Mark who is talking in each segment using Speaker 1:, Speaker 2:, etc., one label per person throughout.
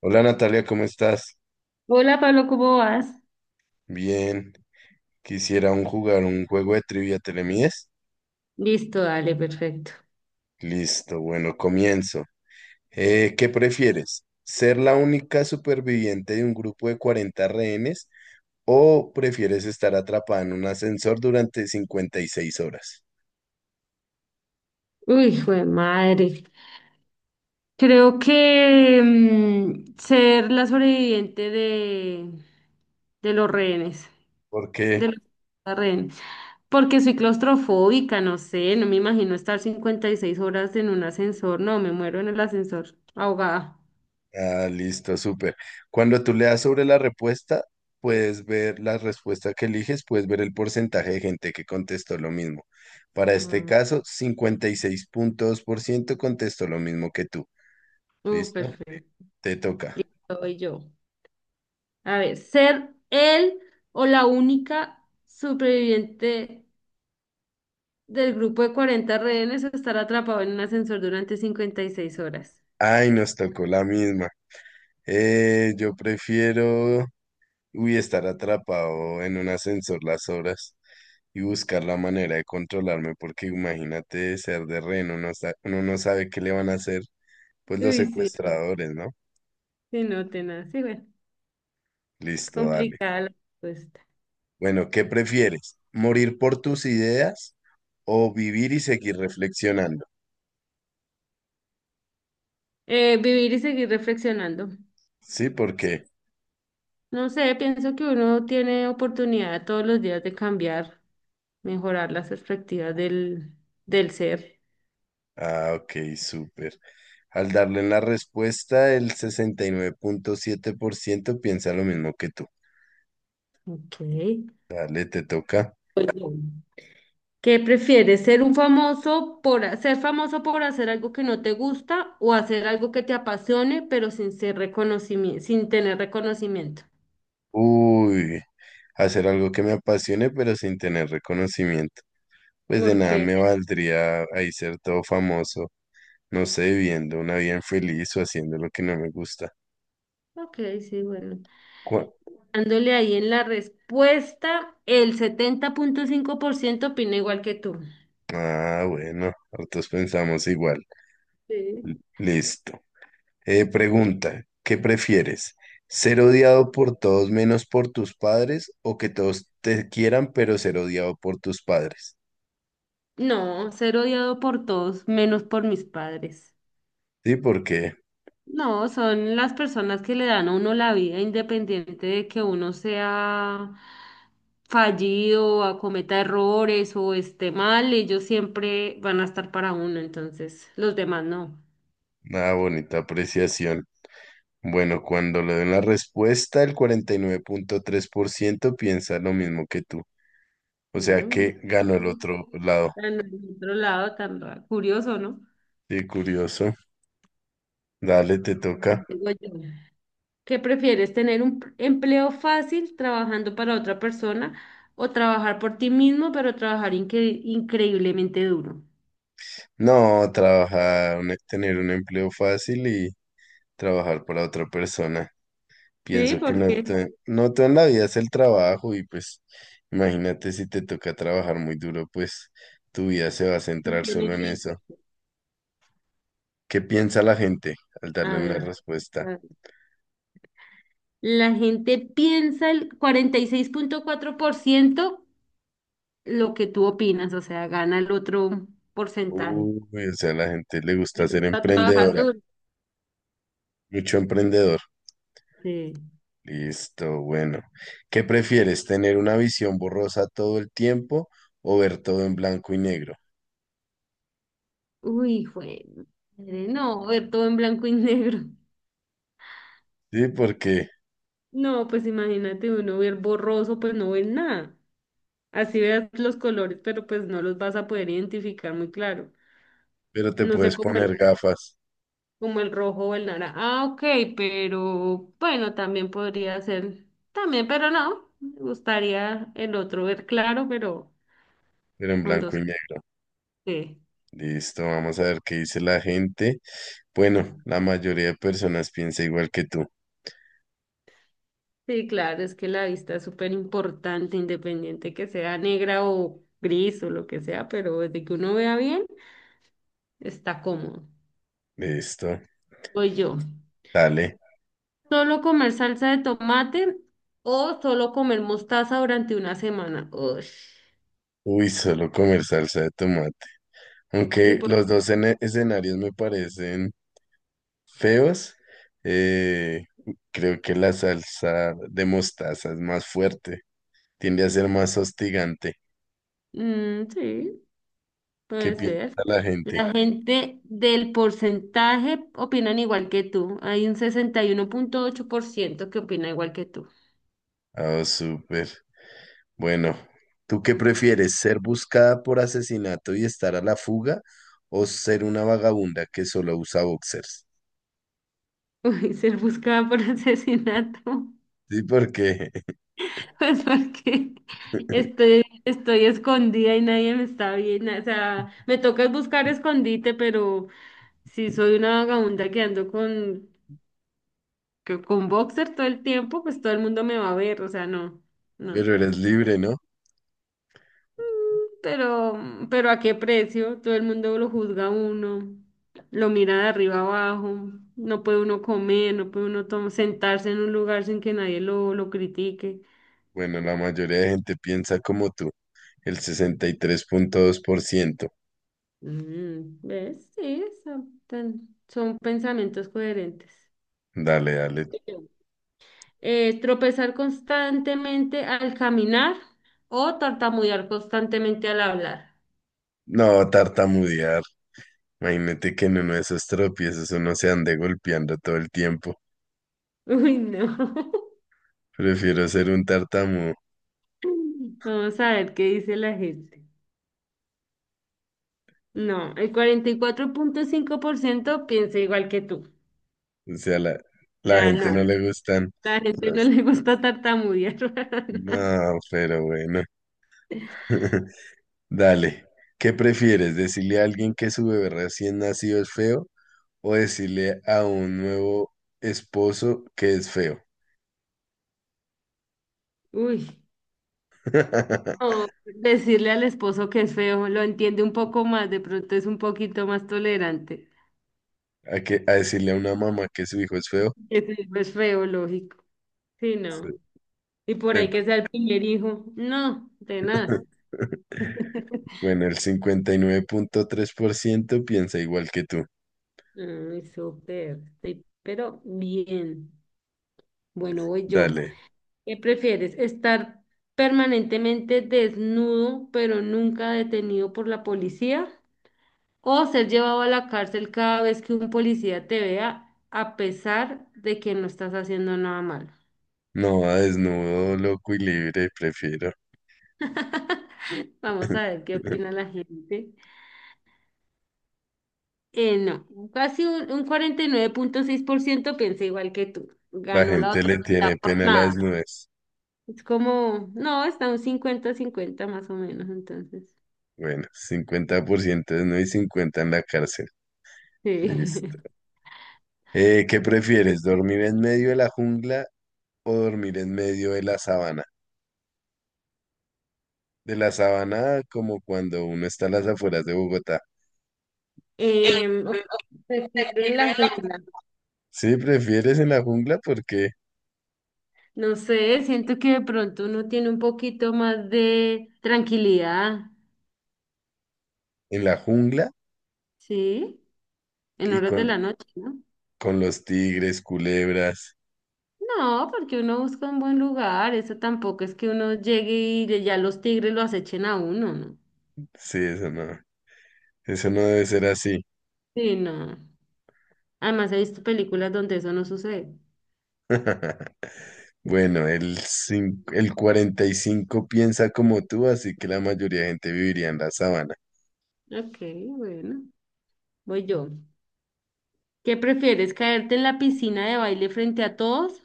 Speaker 1: Hola Natalia, ¿cómo estás?
Speaker 2: Hola Pablo, ¿cómo vas?
Speaker 1: Bien, quisiera jugar un juego de trivia, ¿te le mides?
Speaker 2: Listo, dale, perfecto.
Speaker 1: Listo, bueno, comienzo. ¿Qué prefieres? ¿Ser la única superviviente de un grupo de 40 rehenes o prefieres estar atrapada en un ascensor durante 56 horas?
Speaker 2: Uy, hijo de madre. Creo que ser la sobreviviente de los rehenes,
Speaker 1: Porque.
Speaker 2: de los rehenes, porque soy claustrofóbica, no sé, no me imagino estar 56 horas en un ascensor, no, me muero en el ascensor, ahogada.
Speaker 1: Ah, listo, súper. Cuando tú le das sobre la respuesta, puedes ver la respuesta que eliges, puedes ver el porcentaje de gente que contestó lo mismo. Para este
Speaker 2: Mm,
Speaker 1: caso, 56,2% contestó lo mismo que tú.
Speaker 2: Uh,
Speaker 1: ¿Listo?
Speaker 2: perfecto.
Speaker 1: Te toca.
Speaker 2: Soy yo. A ver, ser él o la única superviviente del grupo de 40 rehenes a estar atrapado en un ascensor durante 56 horas.
Speaker 1: Ay, nos tocó la misma. Yo prefiero, uy, estar atrapado en un ascensor las horas y buscar la manera de controlarme, porque imagínate ser de rehén, uno, uno no sabe qué le van a hacer. Pues los
Speaker 2: Uy, sí, no,
Speaker 1: secuestradores, ¿no?
Speaker 2: sí, no, tenaz. Sí, bueno,
Speaker 1: Listo, dale.
Speaker 2: complicada la respuesta.
Speaker 1: Bueno, ¿qué prefieres? ¿Morir por tus ideas o vivir y seguir reflexionando?
Speaker 2: Vivir y seguir reflexionando.
Speaker 1: Sí, ¿por qué?
Speaker 2: No sé, pienso que uno tiene oportunidad todos los días de cambiar, mejorar las perspectivas del ser.
Speaker 1: Ah, ok, súper. Al darle la respuesta, el 69,7% piensa lo mismo que tú.
Speaker 2: Ok.
Speaker 1: Dale, te toca.
Speaker 2: Pues, bien. ¿Qué prefieres? ¿Ser famoso por hacer algo que no te gusta o hacer algo que te apasione pero sin ser reconocimiento, sin tener reconocimiento?
Speaker 1: Uy, hacer algo que me apasione, pero sin tener reconocimiento. Pues de nada
Speaker 2: Porque,
Speaker 1: me valdría ahí ser todo famoso, no sé, viviendo una vida infeliz o haciendo lo que no me gusta.
Speaker 2: ok, sí, bueno.
Speaker 1: Cu-
Speaker 2: Dándole ahí en la respuesta, el 70,5% opina igual que tú.
Speaker 1: Ah, bueno, nosotros pensamos igual.
Speaker 2: Sí.
Speaker 1: Listo. Pregunta, ¿qué prefieres? ¿Ser odiado por todos menos por tus padres o que todos te quieran pero ser odiado por tus padres?
Speaker 2: No, ser odiado por todos, menos por mis padres.
Speaker 1: Sí, porque
Speaker 2: No, son las personas que le dan a uno la vida, independiente de que uno sea fallido, acometa errores o esté mal, ellos siempre van a estar para uno, entonces los demás no.
Speaker 1: una bonita apreciación. Bueno, cuando le den la respuesta, el 49,3% piensa lo mismo que tú. O sea
Speaker 2: Mm,
Speaker 1: que ganó el otro lado.
Speaker 2: Tan del otro lado, tan curioso, ¿no?
Speaker 1: Sí, curioso. Dale, te toca.
Speaker 2: Digo yo. ¿Qué prefieres, tener empleo fácil trabajando para otra persona o trabajar por ti mismo, pero trabajar increíblemente duro?
Speaker 1: No, trabajar, tener un empleo fácil y trabajar para otra persona.
Speaker 2: Sí,
Speaker 1: Pienso que
Speaker 2: porque
Speaker 1: no todo en la vida es el trabajo y pues imagínate si te toca trabajar muy duro, pues tu vida se va a
Speaker 2: no
Speaker 1: centrar
Speaker 2: tiene
Speaker 1: solo en
Speaker 2: tiempo.
Speaker 1: eso. ¿Qué piensa la gente al darle
Speaker 2: A
Speaker 1: una
Speaker 2: ver,
Speaker 1: respuesta?
Speaker 2: a- la gente piensa el 46,4%, lo que tú opinas, o sea, gana el otro porcentaje.
Speaker 1: Uy, o sea, a la gente le
Speaker 2: Les
Speaker 1: gusta ser
Speaker 2: gusta trabajar
Speaker 1: emprendedora,
Speaker 2: duro.
Speaker 1: mucho emprendedor.
Speaker 2: Sí.
Speaker 1: Listo, bueno. ¿Qué prefieres, tener una visión borrosa todo el tiempo o ver todo en blanco y negro?
Speaker 2: Uy, fue. No, ver todo en blanco y negro.
Speaker 1: Sí, porque,
Speaker 2: No, pues imagínate uno ver borroso, pues no ver nada. Así veas los colores, pero pues no los vas a poder identificar muy claro.
Speaker 1: pero te
Speaker 2: No sé
Speaker 1: puedes
Speaker 2: cómo,
Speaker 1: poner gafas,
Speaker 2: como el rojo o el naranja. Ah, ok, pero bueno, también podría ser, también, pero no, me gustaría el otro ver claro, pero
Speaker 1: pero en
Speaker 2: con
Speaker 1: blanco
Speaker 2: dos.
Speaker 1: y negro.
Speaker 2: Sí,
Speaker 1: Listo, vamos a ver qué dice la gente. Bueno, la mayoría de personas piensa igual que tú.
Speaker 2: sí, claro, es que la vista es súper importante, independiente que sea negra o gris o lo que sea, pero desde que uno vea bien, está cómodo.
Speaker 1: Listo,
Speaker 2: Voy yo.
Speaker 1: dale.
Speaker 2: ¿Solo comer salsa de tomate o solo comer mostaza durante una semana? Ush.
Speaker 1: Uy, solo comer salsa de tomate.
Speaker 2: Sí,
Speaker 1: Aunque
Speaker 2: por-
Speaker 1: los dos escenarios me parecen feos, eh, creo que la salsa de mostaza es más fuerte, tiende a ser más hostigante.
Speaker 2: Mm, sí,
Speaker 1: ¿Qué
Speaker 2: puede
Speaker 1: piensa
Speaker 2: ser.
Speaker 1: la gente?
Speaker 2: La gente del porcentaje opinan igual que tú. Hay un 61,8% que opina igual que tú.
Speaker 1: Oh, súper. Bueno, ¿tú qué prefieres? ¿Ser buscada por asesinato y estar a la fuga o ser una vagabunda que solo usa boxers?
Speaker 2: Uy, ser buscada por asesinato.
Speaker 1: Sí, porque,
Speaker 2: Pues porque estoy escondida y nadie me está viendo. O sea, me toca buscar escondite, pero si soy una vagabunda que ando con boxer todo el tiempo, pues todo el mundo me va a ver. O sea, no, no.
Speaker 1: pero eres libre, ¿no?
Speaker 2: Pero, pero ¿a qué precio? Todo el mundo lo juzga a uno, lo mira de arriba abajo, no puede uno comer, no puede uno sentarse en un lugar sin que nadie lo critique.
Speaker 1: Bueno, la mayoría de gente piensa como tú, el 63,2%.
Speaker 2: ¿Ves? Sí, son pensamientos coherentes.
Speaker 1: Dale, dale.
Speaker 2: Tropezar constantemente al caminar o tartamudear constantemente al hablar.
Speaker 1: No, tartamudear. Imagínate que en uno de esos tropiezos uno se ande golpeando todo el tiempo.
Speaker 2: Uy, no.
Speaker 1: Prefiero ser un tartamudo.
Speaker 2: Vamos a ver qué dice la gente. No, el 44,5% piensa igual que tú.
Speaker 1: O sea, la,
Speaker 2: O
Speaker 1: la
Speaker 2: sea,
Speaker 1: gente
Speaker 2: no,
Speaker 1: no le gustan
Speaker 2: la gente no
Speaker 1: los...
Speaker 2: le gusta tartamudear.
Speaker 1: No, pero bueno. Dale, ¿qué prefieres? ¿Decirle a alguien que su bebé recién nacido es feo o decirle a un nuevo esposo que es feo?
Speaker 2: Uy, no, decirle al esposo que es feo, lo entiende un poco más, de pronto es un poquito más tolerante.
Speaker 1: ¿A decirle a una mamá que su hijo es feo?
Speaker 2: Que su es feo, lógico. Sí,
Speaker 1: Sí.
Speaker 2: no. Y por ahí
Speaker 1: Em,
Speaker 2: que sea el primer hijo. No, tenaz.
Speaker 1: Bueno, el 59,3% piensa igual que tú.
Speaker 2: Ay, súper. Sí, pero bien. Bueno, voy yo.
Speaker 1: Dale,
Speaker 2: ¿Qué prefieres? ¿Estar permanentemente desnudo pero nunca detenido por la policía? ¿O ser llevado a la cárcel cada vez que un policía te vea a pesar de que no estás haciendo nada malo?
Speaker 1: no a desnudo, loco y libre, prefiero.
Speaker 2: Vamos a ver qué opina la gente. No, casi un 49,6% piensa igual que tú.
Speaker 1: La
Speaker 2: Ganó la
Speaker 1: gente
Speaker 2: otra
Speaker 1: le tiene
Speaker 2: mitad por
Speaker 1: pena a la
Speaker 2: nada.
Speaker 1: desnudez.
Speaker 2: Es como, no, está un 50 cincuenta más o menos, entonces.
Speaker 1: Bueno, 50% desnudo y 50 en la cárcel.
Speaker 2: Sí.
Speaker 1: Listo. ¿Qué prefieres, dormir en medio de la jungla o dormir en medio de la sabana? De la sabana como cuando uno está a las afueras de Bogotá.
Speaker 2: Ok, prefiero en la jungla.
Speaker 1: Sí, prefieres en la jungla porque
Speaker 2: No sé, siento que de pronto uno tiene un poquito más de tranquilidad,
Speaker 1: en la jungla
Speaker 2: ¿sí? En
Speaker 1: y
Speaker 2: horas de la noche, ¿no?
Speaker 1: con los tigres, culebras.
Speaker 2: No, porque uno busca un buen lugar, eso tampoco es que uno llegue y ya los tigres lo acechen a uno, ¿no?
Speaker 1: Sí, eso no debe ser así.
Speaker 2: Sí, no. Además he visto películas donde eso no sucede.
Speaker 1: Bueno, el 45 piensa como tú, así que la mayoría de gente viviría en la sabana.
Speaker 2: Ok, bueno, voy yo. ¿Qué prefieres, caerte en la piscina de baile frente a todos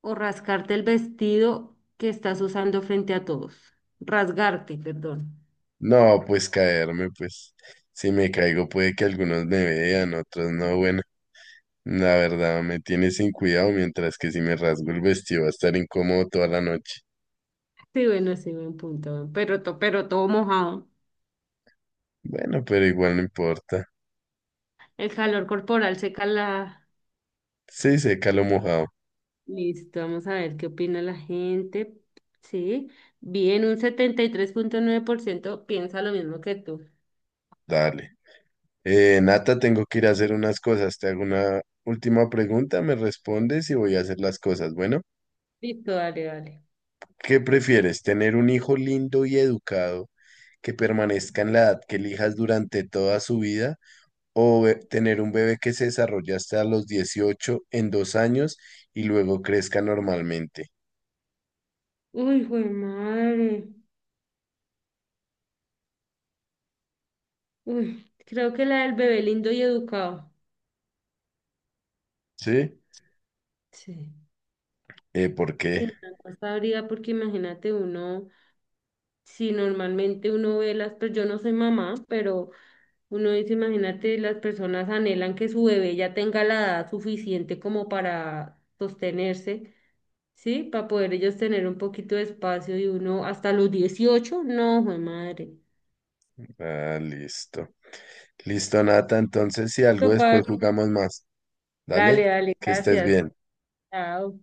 Speaker 2: o rascarte el vestido que estás usando frente a todos? Rasgarte, perdón.
Speaker 1: No, pues caerme, pues si me caigo puede que algunos me vean, otros no. Bueno, la verdad me tiene sin cuidado, mientras que si me rasgo el vestido va a estar incómodo toda la noche.
Speaker 2: Sí, bueno, sí, buen punto. Pero todo mojado.
Speaker 1: Bueno, pero igual no importa.
Speaker 2: El calor corporal seca la.
Speaker 1: Sí, seca lo mojado.
Speaker 2: Listo, vamos a ver qué opina la gente. Sí, bien, un 73,9% piensa lo mismo que tú.
Speaker 1: Dale. Nata, tengo que ir a hacer unas cosas. Te hago una última pregunta, me respondes y voy a hacer las cosas. Bueno,
Speaker 2: Listo, dale, dale.
Speaker 1: ¿qué prefieres? ¿Tener un hijo lindo y educado que permanezca en la edad que elijas durante toda su vida? O tener un bebé que se desarrolla hasta los 18 en 2 años y luego crezca normalmente.
Speaker 2: Uy, güey, madre. Uy, creo que la del bebé lindo y educado.
Speaker 1: ¿Sí?
Speaker 2: Sí.
Speaker 1: ¿Por qué?
Speaker 2: Sí, la encuesta habría porque imagínate uno. Si normalmente uno ve las, pues yo no soy mamá, pero uno dice, imagínate, las personas anhelan que su bebé ya tenga la edad suficiente como para sostenerse, ¿sí? Para poder ellos tener un poquito de espacio y uno hasta los 18 no, jue madre.
Speaker 1: Ah, listo. Listo, Nata. Entonces, si algo
Speaker 2: Listo,
Speaker 1: después
Speaker 2: Pablo.
Speaker 1: jugamos más. Dale,
Speaker 2: Dale, dale,
Speaker 1: que estés
Speaker 2: gracias.
Speaker 1: bien.
Speaker 2: Chao.